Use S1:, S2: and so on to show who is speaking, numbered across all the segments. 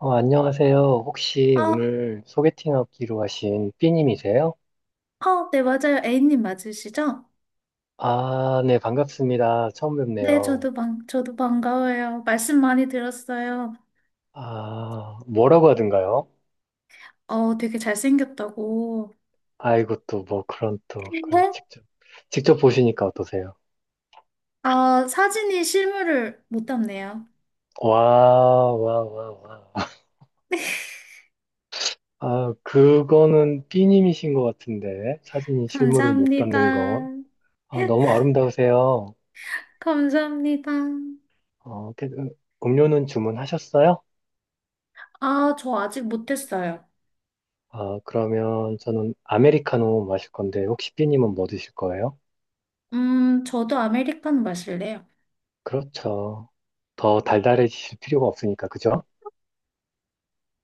S1: 안녕하세요. 혹시
S2: 아,
S1: 오늘 소개팅하기로 하신 삐님이세요?
S2: 아, 네, 맞아요. A님 맞으시죠?
S1: 아, 네, 반갑습니다. 처음
S2: 네,
S1: 뵙네요.
S2: 저도 반가워요. 말씀 많이 들었어요.
S1: 아, 뭐라고 하던가요?
S2: 되게 잘생겼다고.
S1: 아이고, 또 뭐 그런 또 그걸
S2: 네?
S1: 직접, 직접 보시니까 어떠세요?
S2: 아, 사진이 실물을 못 담네요.
S1: 와, 와, 와, 와. 아, 그거는 삐님이신 것 같은데, 사진이 실물을 못 담는 건.
S2: 감사합니다.
S1: 아, 너무 아름다우세요.
S2: 감사합니다.
S1: 어, 그, 음료는 주문하셨어요?
S2: 아, 저 아직 못했어요.
S1: 아, 그러면 저는 아메리카노 마실 건데, 혹시 삐님은 뭐 드실 거예요?
S2: 저도 아메리카노 마실래요.
S1: 그렇죠. 더 달달해지실 필요가 없으니까, 그죠?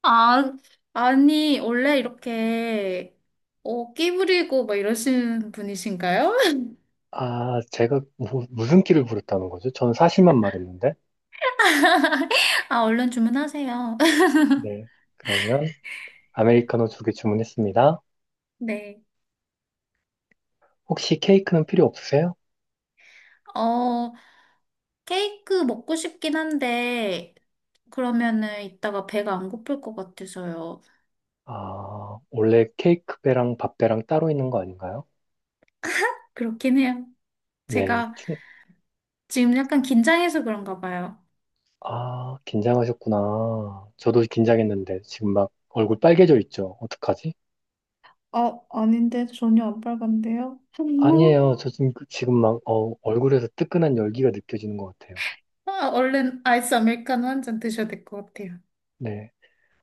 S2: 아, 아니, 원래 이렇게, 끼 부리고 막 이러시는 분이신가요?
S1: 아, 제가 무슨 끼를 부렸다는 거죠? 저는 사실만 말했는데.
S2: 아, 얼른 주문하세요.
S1: 네. 그러면 아메리카노 두 개 주문했습니다.
S2: 네.
S1: 혹시 케이크는 필요 없으세요?
S2: 어, 케이크 먹고 싶긴 한데, 그러면은 이따가 배가 안 고플 것 같아서요.
S1: 아, 원래 케이크 배랑 밥 배랑 따로 있는 거 아닌가요?
S2: 그렇긴 해요.
S1: 네.
S2: 제가 지금 약간 긴장해서 그런가 봐요.
S1: 아, 긴장하셨구나. 저도 긴장했는데, 지금 막 얼굴 빨개져 있죠? 어떡하지?
S2: 아, 아닌데 전혀 안 빨간데요?
S1: 아니에요. 저 지금, 지금 막, 어, 얼굴에서 뜨끈한 열기가 느껴지는 것 같아요.
S2: 아, 얼른 아이스 아메리카노 한 잔 드셔야 될 것 같아요.
S1: 네.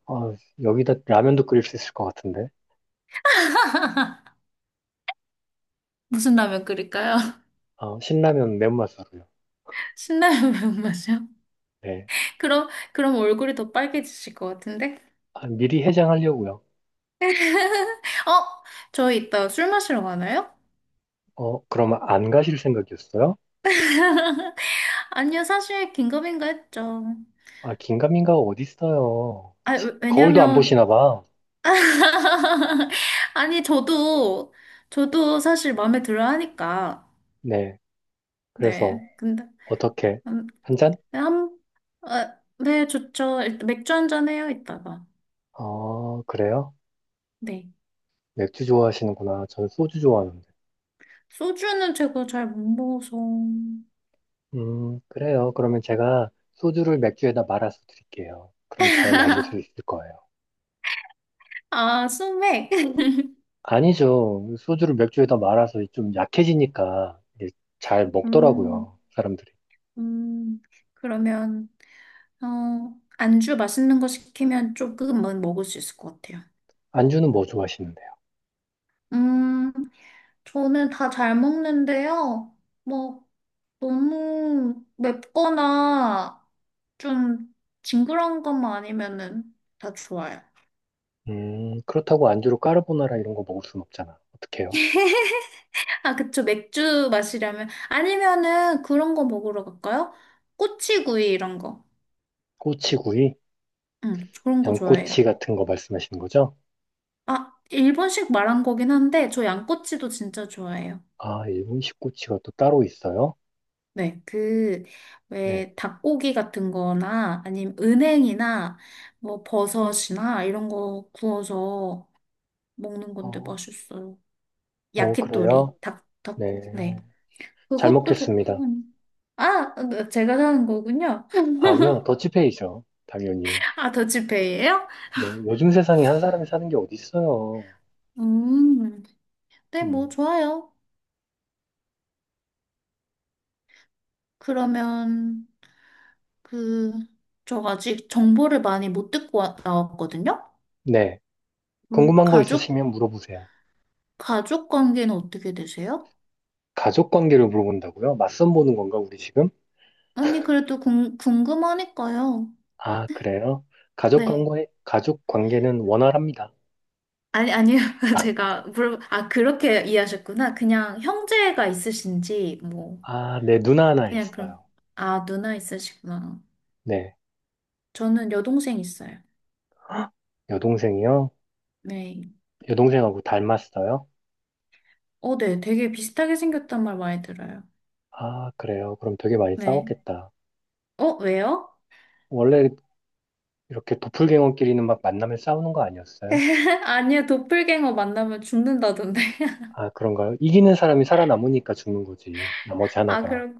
S1: 어, 여기다 라면도 끓일 수 있을 것 같은데.
S2: 무슨 라면 끓일까요?
S1: 어, 신라면 맨맛으로요.
S2: 신라면 매운맛이요?
S1: 네.
S2: 그럼 얼굴이 더 빨개지실 것 같은데?
S1: 아, 미리 해장하려고요.
S2: 어? 저희 이따 술 마시러 가나요?
S1: 어, 그러면 안 가실 생각이었어요?
S2: 아니요, 사실 긴급인가 했죠.
S1: 아, 긴가민가가 어디 있어요.
S2: 아,
S1: 거울도 안
S2: 왜냐면,
S1: 보시나 봐.
S2: 아니, 저도 사실 마음에 들어 하니까.
S1: 네. 그래서,
S2: 네. 근데,
S1: 어떻게?
S2: 음,
S1: 한 잔?
S2: 한, 아, 네, 좋죠. 일단 맥주 한잔 해요, 이따가.
S1: 어, 그래요?
S2: 네.
S1: 맥주 좋아하시는구나. 저는 소주 좋아하는데.
S2: 소주는 제가 잘 못 먹어서.
S1: 그래요. 그러면 제가 소주를 맥주에다 말아서 드릴게요. 그럼 잘 마실 수 있을 거예요.
S2: 아, 소맥.
S1: 아니죠. 소주를 맥주에다 말아서 좀 약해지니까 이게 잘
S2: 음,
S1: 먹더라고요, 사람들이.
S2: 음, 그러면, 안주 맛있는 거 시키면 조금은 먹을 수 있을 것 같아요.
S1: 안주는 뭐 좋아하시는데요?
S2: 음. 저는 다 잘 먹는데요. 뭐, 너무 맵거나 좀 징그러운 것만 아니면은 다 좋아요.
S1: 그렇다고 안주로 까르보나라 이런 거 먹을 순 없잖아. 어떡해요?
S2: 아, 그쵸. 맥주 마시려면. 아니면은 그런 거 먹으러 갈까요? 꼬치구이 이런 거.
S1: 꼬치구이?
S2: 응, 그런 거 좋아해요.
S1: 양꼬치 같은 거 말씀하시는 거죠?
S2: 아, 일본식 말한 거긴 한데, 저 양꼬치도 진짜 좋아해요.
S1: 아, 일본식 꼬치가 또 따로 있어요?
S2: 네, 그,
S1: 네.
S2: 왜, 닭고기 같은 거나, 아니면 은행이나, 뭐, 버섯이나, 이런 거 구워서 먹는 건데
S1: 어,
S2: 맛있어요.
S1: 어, 그래요?
S2: 야키토리, 닭,
S1: 네.
S2: 닭고기, 네.
S1: 잘
S2: 그것도
S1: 먹겠습니다.
S2: 좋고. 아, 네, 제가 사는 거군요.
S1: 아니요, 더치페이죠. 당연히.
S2: 아, 더치페이예요?
S1: 네. 요즘 세상에 한 사람이 사는 게 어디 있어요?
S2: 음, 네, 뭐,
S1: 음.
S2: 좋아요. 그러면, 그, 저 아직 정보를 많이 못 듣고 나왔거든요?
S1: 네.
S2: 음,
S1: 궁금한 거
S2: 가족,
S1: 있으시면 물어보세요.
S2: 가족 관계는 어떻게 되세요?
S1: 가족 관계를 물어본다고요? 맞선 보는 건가, 우리 지금?
S2: 언니, 그래도 궁금하니까요.
S1: 아, 그래요?
S2: 네.
S1: 가족 관계는 원활합니다.
S2: 아니, 아니요. 아, 그렇게 이해하셨구나. 그냥 형제가 있으신지, 뭐,
S1: 아, 네, 누나 하나
S2: 그냥 그럼.
S1: 있어요.
S2: 아, 누나 있으시구나.
S1: 네,
S2: 저는 여동생 있어요.
S1: 여동생이요?
S2: 네.
S1: 여동생하고 닮았어요?
S2: 어, 네. 되게 비슷하게 생겼단 말 많이 들어요.
S1: 아, 그래요? 그럼 되게 많이
S2: 네.
S1: 싸웠겠다.
S2: 어, 왜요?
S1: 원래 이렇게 도플갱어끼리는 막 만나면 싸우는 거 아니었어요?
S2: 아니요. 도플갱어 만나면 죽는다던데.
S1: 아, 그런가요? 이기는 사람이 살아남으니까 죽는 거지. 나머지
S2: 아,
S1: 하나가.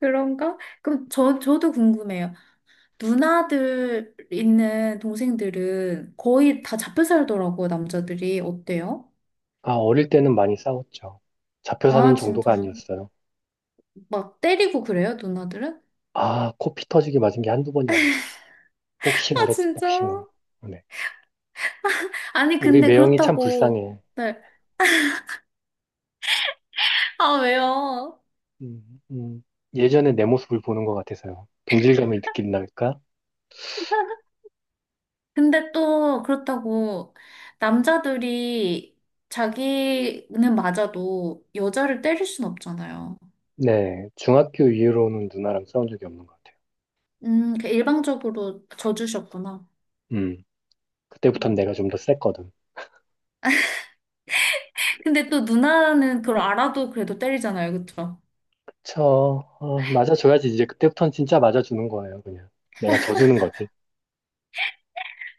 S2: 그런가? 그럼 저도 궁금해요. 누나들 있는 동생들은 거의 다 잡혀 살더라고요, 남자들이. 어때요?
S1: 아, 어릴 때는 많이 싸웠죠. 잡혀 사는
S2: 아,
S1: 정도가
S2: 진짜.
S1: 아니었어요.
S2: 막 때리고 그래요, 누나들은?
S1: 아, 코피 터지게 맞은 게 한두 번이 아니죠. 복싱을
S2: 아,
S1: 했지,
S2: 진짜.
S1: 복싱을. 네.
S2: 아니,
S1: 우리
S2: 근데
S1: 매형이 참
S2: 그렇다고.
S1: 불쌍해.
S2: 네. 아, 왜요?
S1: 음, 음. 예전에 내 모습을 보는 것 같아서요. 동질감을 느낀달까?
S2: 근데 또 그렇다고 남자들이 자기는 맞아도 여자를 때릴 순 없잖아요.
S1: 네, 중학교 이후로는 누나랑 싸운 적이 없는 것 같아요.
S2: 그 일방적으로 져주셨구나.
S1: 음, 그때부터는 내가
S2: 음.
S1: 좀 더 셌거든.
S2: 근데 또 누나는 그걸 알아도 그래도 때리잖아요, 그쵸?
S1: 저, 맞아줘야지. 이제 그때부터는 진짜 맞아주는 거예요, 그냥. 내가 져주는 거지.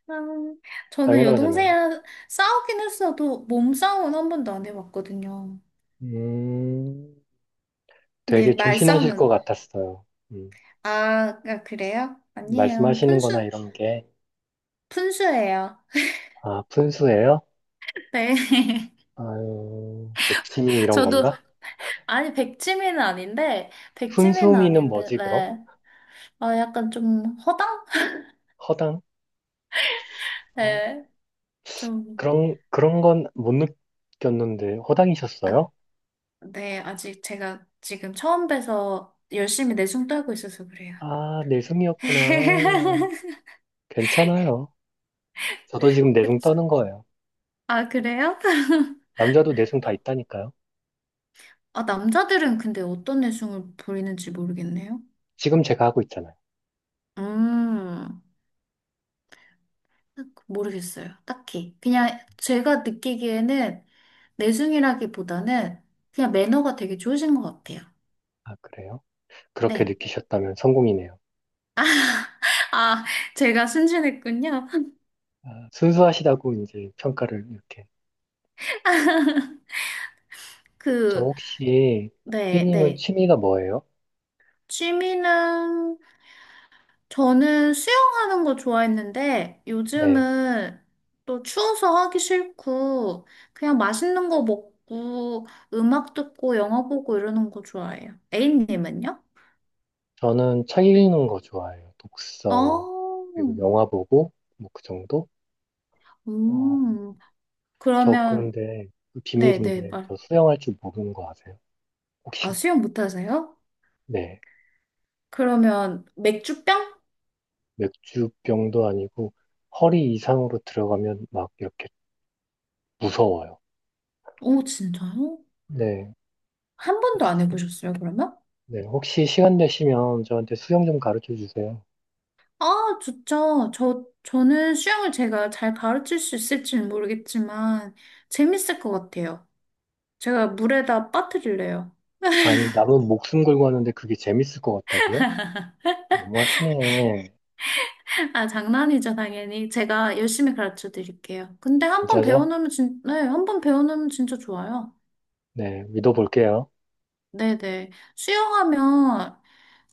S2: 음, 저는
S1: 당연하잖아요.
S2: 여동생이랑 싸우긴 했어도 몸싸움은 한 번도 안 해봤거든요.
S1: 음,
S2: 근데
S1: 되게 조신하실 것
S2: 말싸움은,
S1: 같았어요. 음,
S2: 아, 아, 그래요? 아니에요.
S1: 말씀하시는 거나
S2: 푼수,
S1: 이런 게,
S2: 푼수예요.
S1: 아, 푼수예요?
S2: 네.
S1: 아유, 백치미 이런
S2: 저도,
S1: 건가?
S2: 아니, 백치미는 아닌데,
S1: 훈수
S2: 백치미는
S1: 미는
S2: 아닌데,
S1: 뭐지, 그럼?
S2: 네. 아, 약간 좀 허당?
S1: 허당? 어,
S2: 네. 좀,
S1: 그런, 그런 건 못 느꼈는데,
S2: 아,
S1: 허당이셨어요?
S2: 네. 아직 제가 지금 처음 봬서 열심히 내숭 떨고 있어서 그래요.
S1: 아, 내숭이었구나. 괜찮아요. 저도 지금 내숭
S2: 그쵸.
S1: 떠는 거예요.
S2: 아, 그래요?
S1: 남자도 내숭 다 있다니까요.
S2: 아, 남자들은 근데 어떤 내숭을 부리는지 모르겠네요.
S1: 지금 제가 하고 있잖아요.
S2: 음, 모르겠어요. 딱히. 그냥 제가 느끼기에는 내숭이라기보다는 그냥 매너가 되게 좋으신 것 같아요.
S1: 아, 그래요? 그렇게
S2: 네.
S1: 느끼셨다면 성공이네요.
S2: 아, 제가 순진했군요.
S1: 아, 순수하시다고 이제 평가를 이렇게. 저
S2: 그,
S1: 혹시,
S2: 네,
S1: 삐님은
S2: 네.
S1: 취미가 뭐예요?
S2: 취미는 저는 수영하는 거 좋아했는데
S1: 네.
S2: 요즘은 또 추워서 하기 싫고 그냥 맛있는 거 먹고 음악 듣고 영화 보고 이러는 거 좋아해요. A님은요?
S1: 저는 책 읽는 거 좋아해요.
S2: 어,
S1: 독서, 그리고 영화 보고, 뭐 그 정도? 어,
S2: 음,
S1: 저
S2: 그러면
S1: 그런데 그
S2: 네네
S1: 비밀인데
S2: 말.
S1: 저 수영할 줄 모르는 거 아세요?
S2: 아
S1: 혹시
S2: 수영 못하세요?
S1: 네
S2: 그러면 맥주병?
S1: 맥주병도 아니고 허리 이상으로 들어가면 막 이렇게 무서워요.
S2: 오 진짜요?
S1: 네
S2: 한 번도 안
S1: 혹시
S2: 해보셨어요 그러면?
S1: 네 혹시 시간 되시면 저한테 수영 좀 가르쳐 주세요.
S2: 아, 좋죠. 저는 수영을 제가 잘 가르칠 수 있을지는 모르겠지만, 재밌을 것 같아요. 제가 물에다 빠뜨릴래요.
S1: 아니 남은 목숨 걸고 하는데 그게 재밌을 것 같다고요? 너무하시네.
S2: 아, 장난이죠, 당연히. 제가 열심히 가르쳐 드릴게요. 근데 한 번
S1: 진짜죠?
S2: 배워놓으면 네, 한 번 배워놓으면 진짜 좋아요.
S1: 네 믿어볼게요.
S2: 네네. 수영하면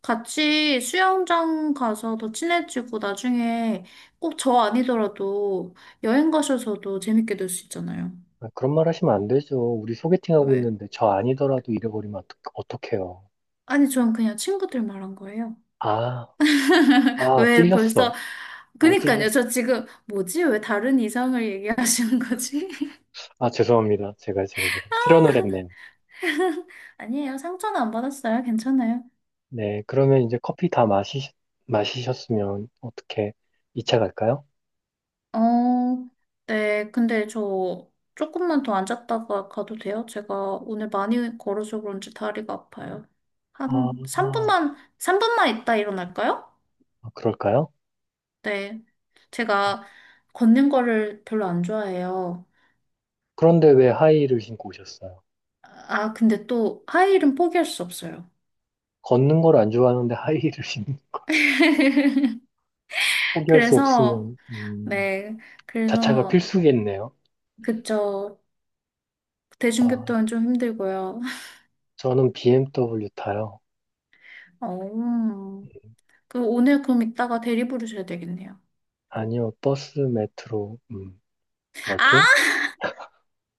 S2: 같이 수영장 가서 더 친해지고 나중에 꼭 저 아니더라도 여행 가셔서도 재밌게 놀 수 있잖아요.
S1: 아, 그런 말 하시면 안 되죠. 우리 소개팅 하고
S2: 왜?
S1: 있는데 저 아니더라도 잃어버리면 어떡해요?
S2: 아니, 전 그냥 친구들 말한 거예요.
S1: 아, 아,
S2: 왜
S1: 찔렸어.
S2: 벌써,
S1: 아, 찔렸어.
S2: 그니까요. 저 지금, 뭐지? 왜 다른 이성을 얘기하시는 거지?
S1: 아, 죄송합니다. 제가. 실언을 했네요.
S2: 아니에요. 상처는 안 받았어요. 괜찮아요.
S1: 네, 그러면 이제 마시셨으면 어떻게 2차 갈까요?
S2: 어, 네. 근데 저 조금만 더 앉았다가 가도 돼요? 제가 오늘 많이 걸어서 그런지 다리가 아파요.
S1: 아,
S2: 한 3분만, 3분만 있다 일어날까요?
S1: 아, 그럴까요?
S2: 네. 제가 걷는 거를 별로 안 좋아해요.
S1: 그런데 왜 하이힐을 신고 오셨어요?
S2: 아, 근데 또 하이힐은 포기할 수 없어요.
S1: 걷는 걸 안 좋아하는데 하이힐을 신고 포기할 수
S2: 그래서,
S1: 없으면,
S2: 네.
S1: 자차가
S2: 그래서
S1: 필수겠네요.
S2: 그쵸.
S1: 아,
S2: 대중교통은 좀 힘들고요.
S1: 저는 BMW 타요.
S2: 어. 그 오늘 그럼 이따가 대리 부르셔야 되겠네요.
S1: 아니요, 버스, 메트로, 워킹?
S2: 아,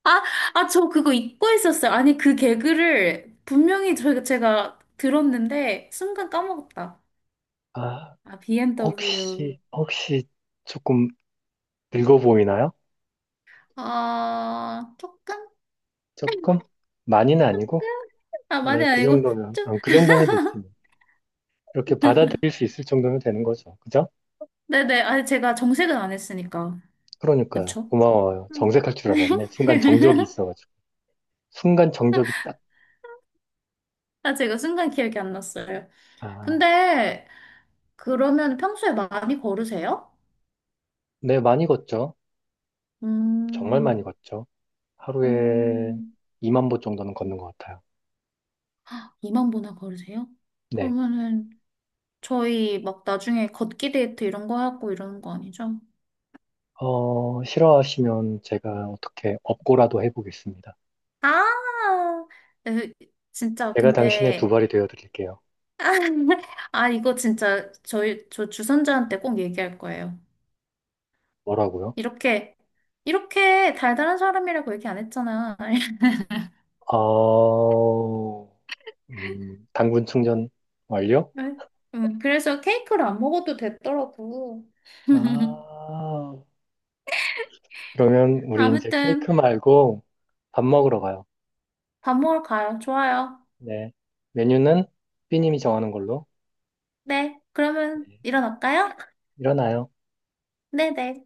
S2: 아, 아, 저 그거 잊고 있었어요. 아니, 그 개그를 분명히 제가 들었는데 순간 까먹었다.
S1: 아,
S2: 아, BMW.
S1: 혹시 조금 늙어 보이나요?
S2: 아, 조금?
S1: 조금? 많이는 아니고?
S2: 아, 많이
S1: 네,
S2: 아니고 좀.
S1: 아, 그 정도면 됐지. 뭐. 이렇게 받아들일 수 있을 정도면 되는 거죠. 그죠?
S2: 네네. 아니, 제가 정색은 안 했으니까.
S1: 그러니까요.
S2: 그쵸?
S1: 고마워요.
S2: 음.
S1: 정색할 줄 알았네. 순간 정적이 있어가지고. 순간 정적이 딱,
S2: 아, 제가 순간 기억이 안 났어요.
S1: 아,
S2: 근데 그러면 평소에 많이 걸으세요?
S1: 네, 많이 걷죠. 정말 많이
S2: 음,
S1: 걷죠. 하루에
S2: 음,
S1: 2만 보 정도는 걷는 것 같아요.
S2: 2만 보나 걸으세요?
S1: 네.
S2: 그러면은 저희 막 나중에 걷기 데이트 이런 거 하고 이러는 거 아니죠?
S1: 어, 싫어하시면 제가 어떻게 업고라도 해보겠습니다.
S2: 아, 으, 진짜
S1: 제가 당신의 두
S2: 근데
S1: 발이 되어 드릴게요.
S2: 아 이거 진짜 저희 저 주선자한테 꼭 얘기할 거예요.
S1: 뭐라고요?
S2: 이렇게 이렇게 달달한 사람이라고 얘기 안 했잖아.
S1: 어, 당분 충전 완료?
S2: 네. 그래서 케이크를 안 먹어도 됐더라고.
S1: 아, 그러면 우리 이제
S2: 아무튼
S1: 케이크 말고 밥 먹으러 가요.
S2: 밥 먹으러 가요. 좋아요.
S1: 네. 메뉴는 삐님이 정하는 걸로.
S2: 네, 그러면
S1: 네.
S2: 일어날까요?
S1: 일어나요.
S2: 네네.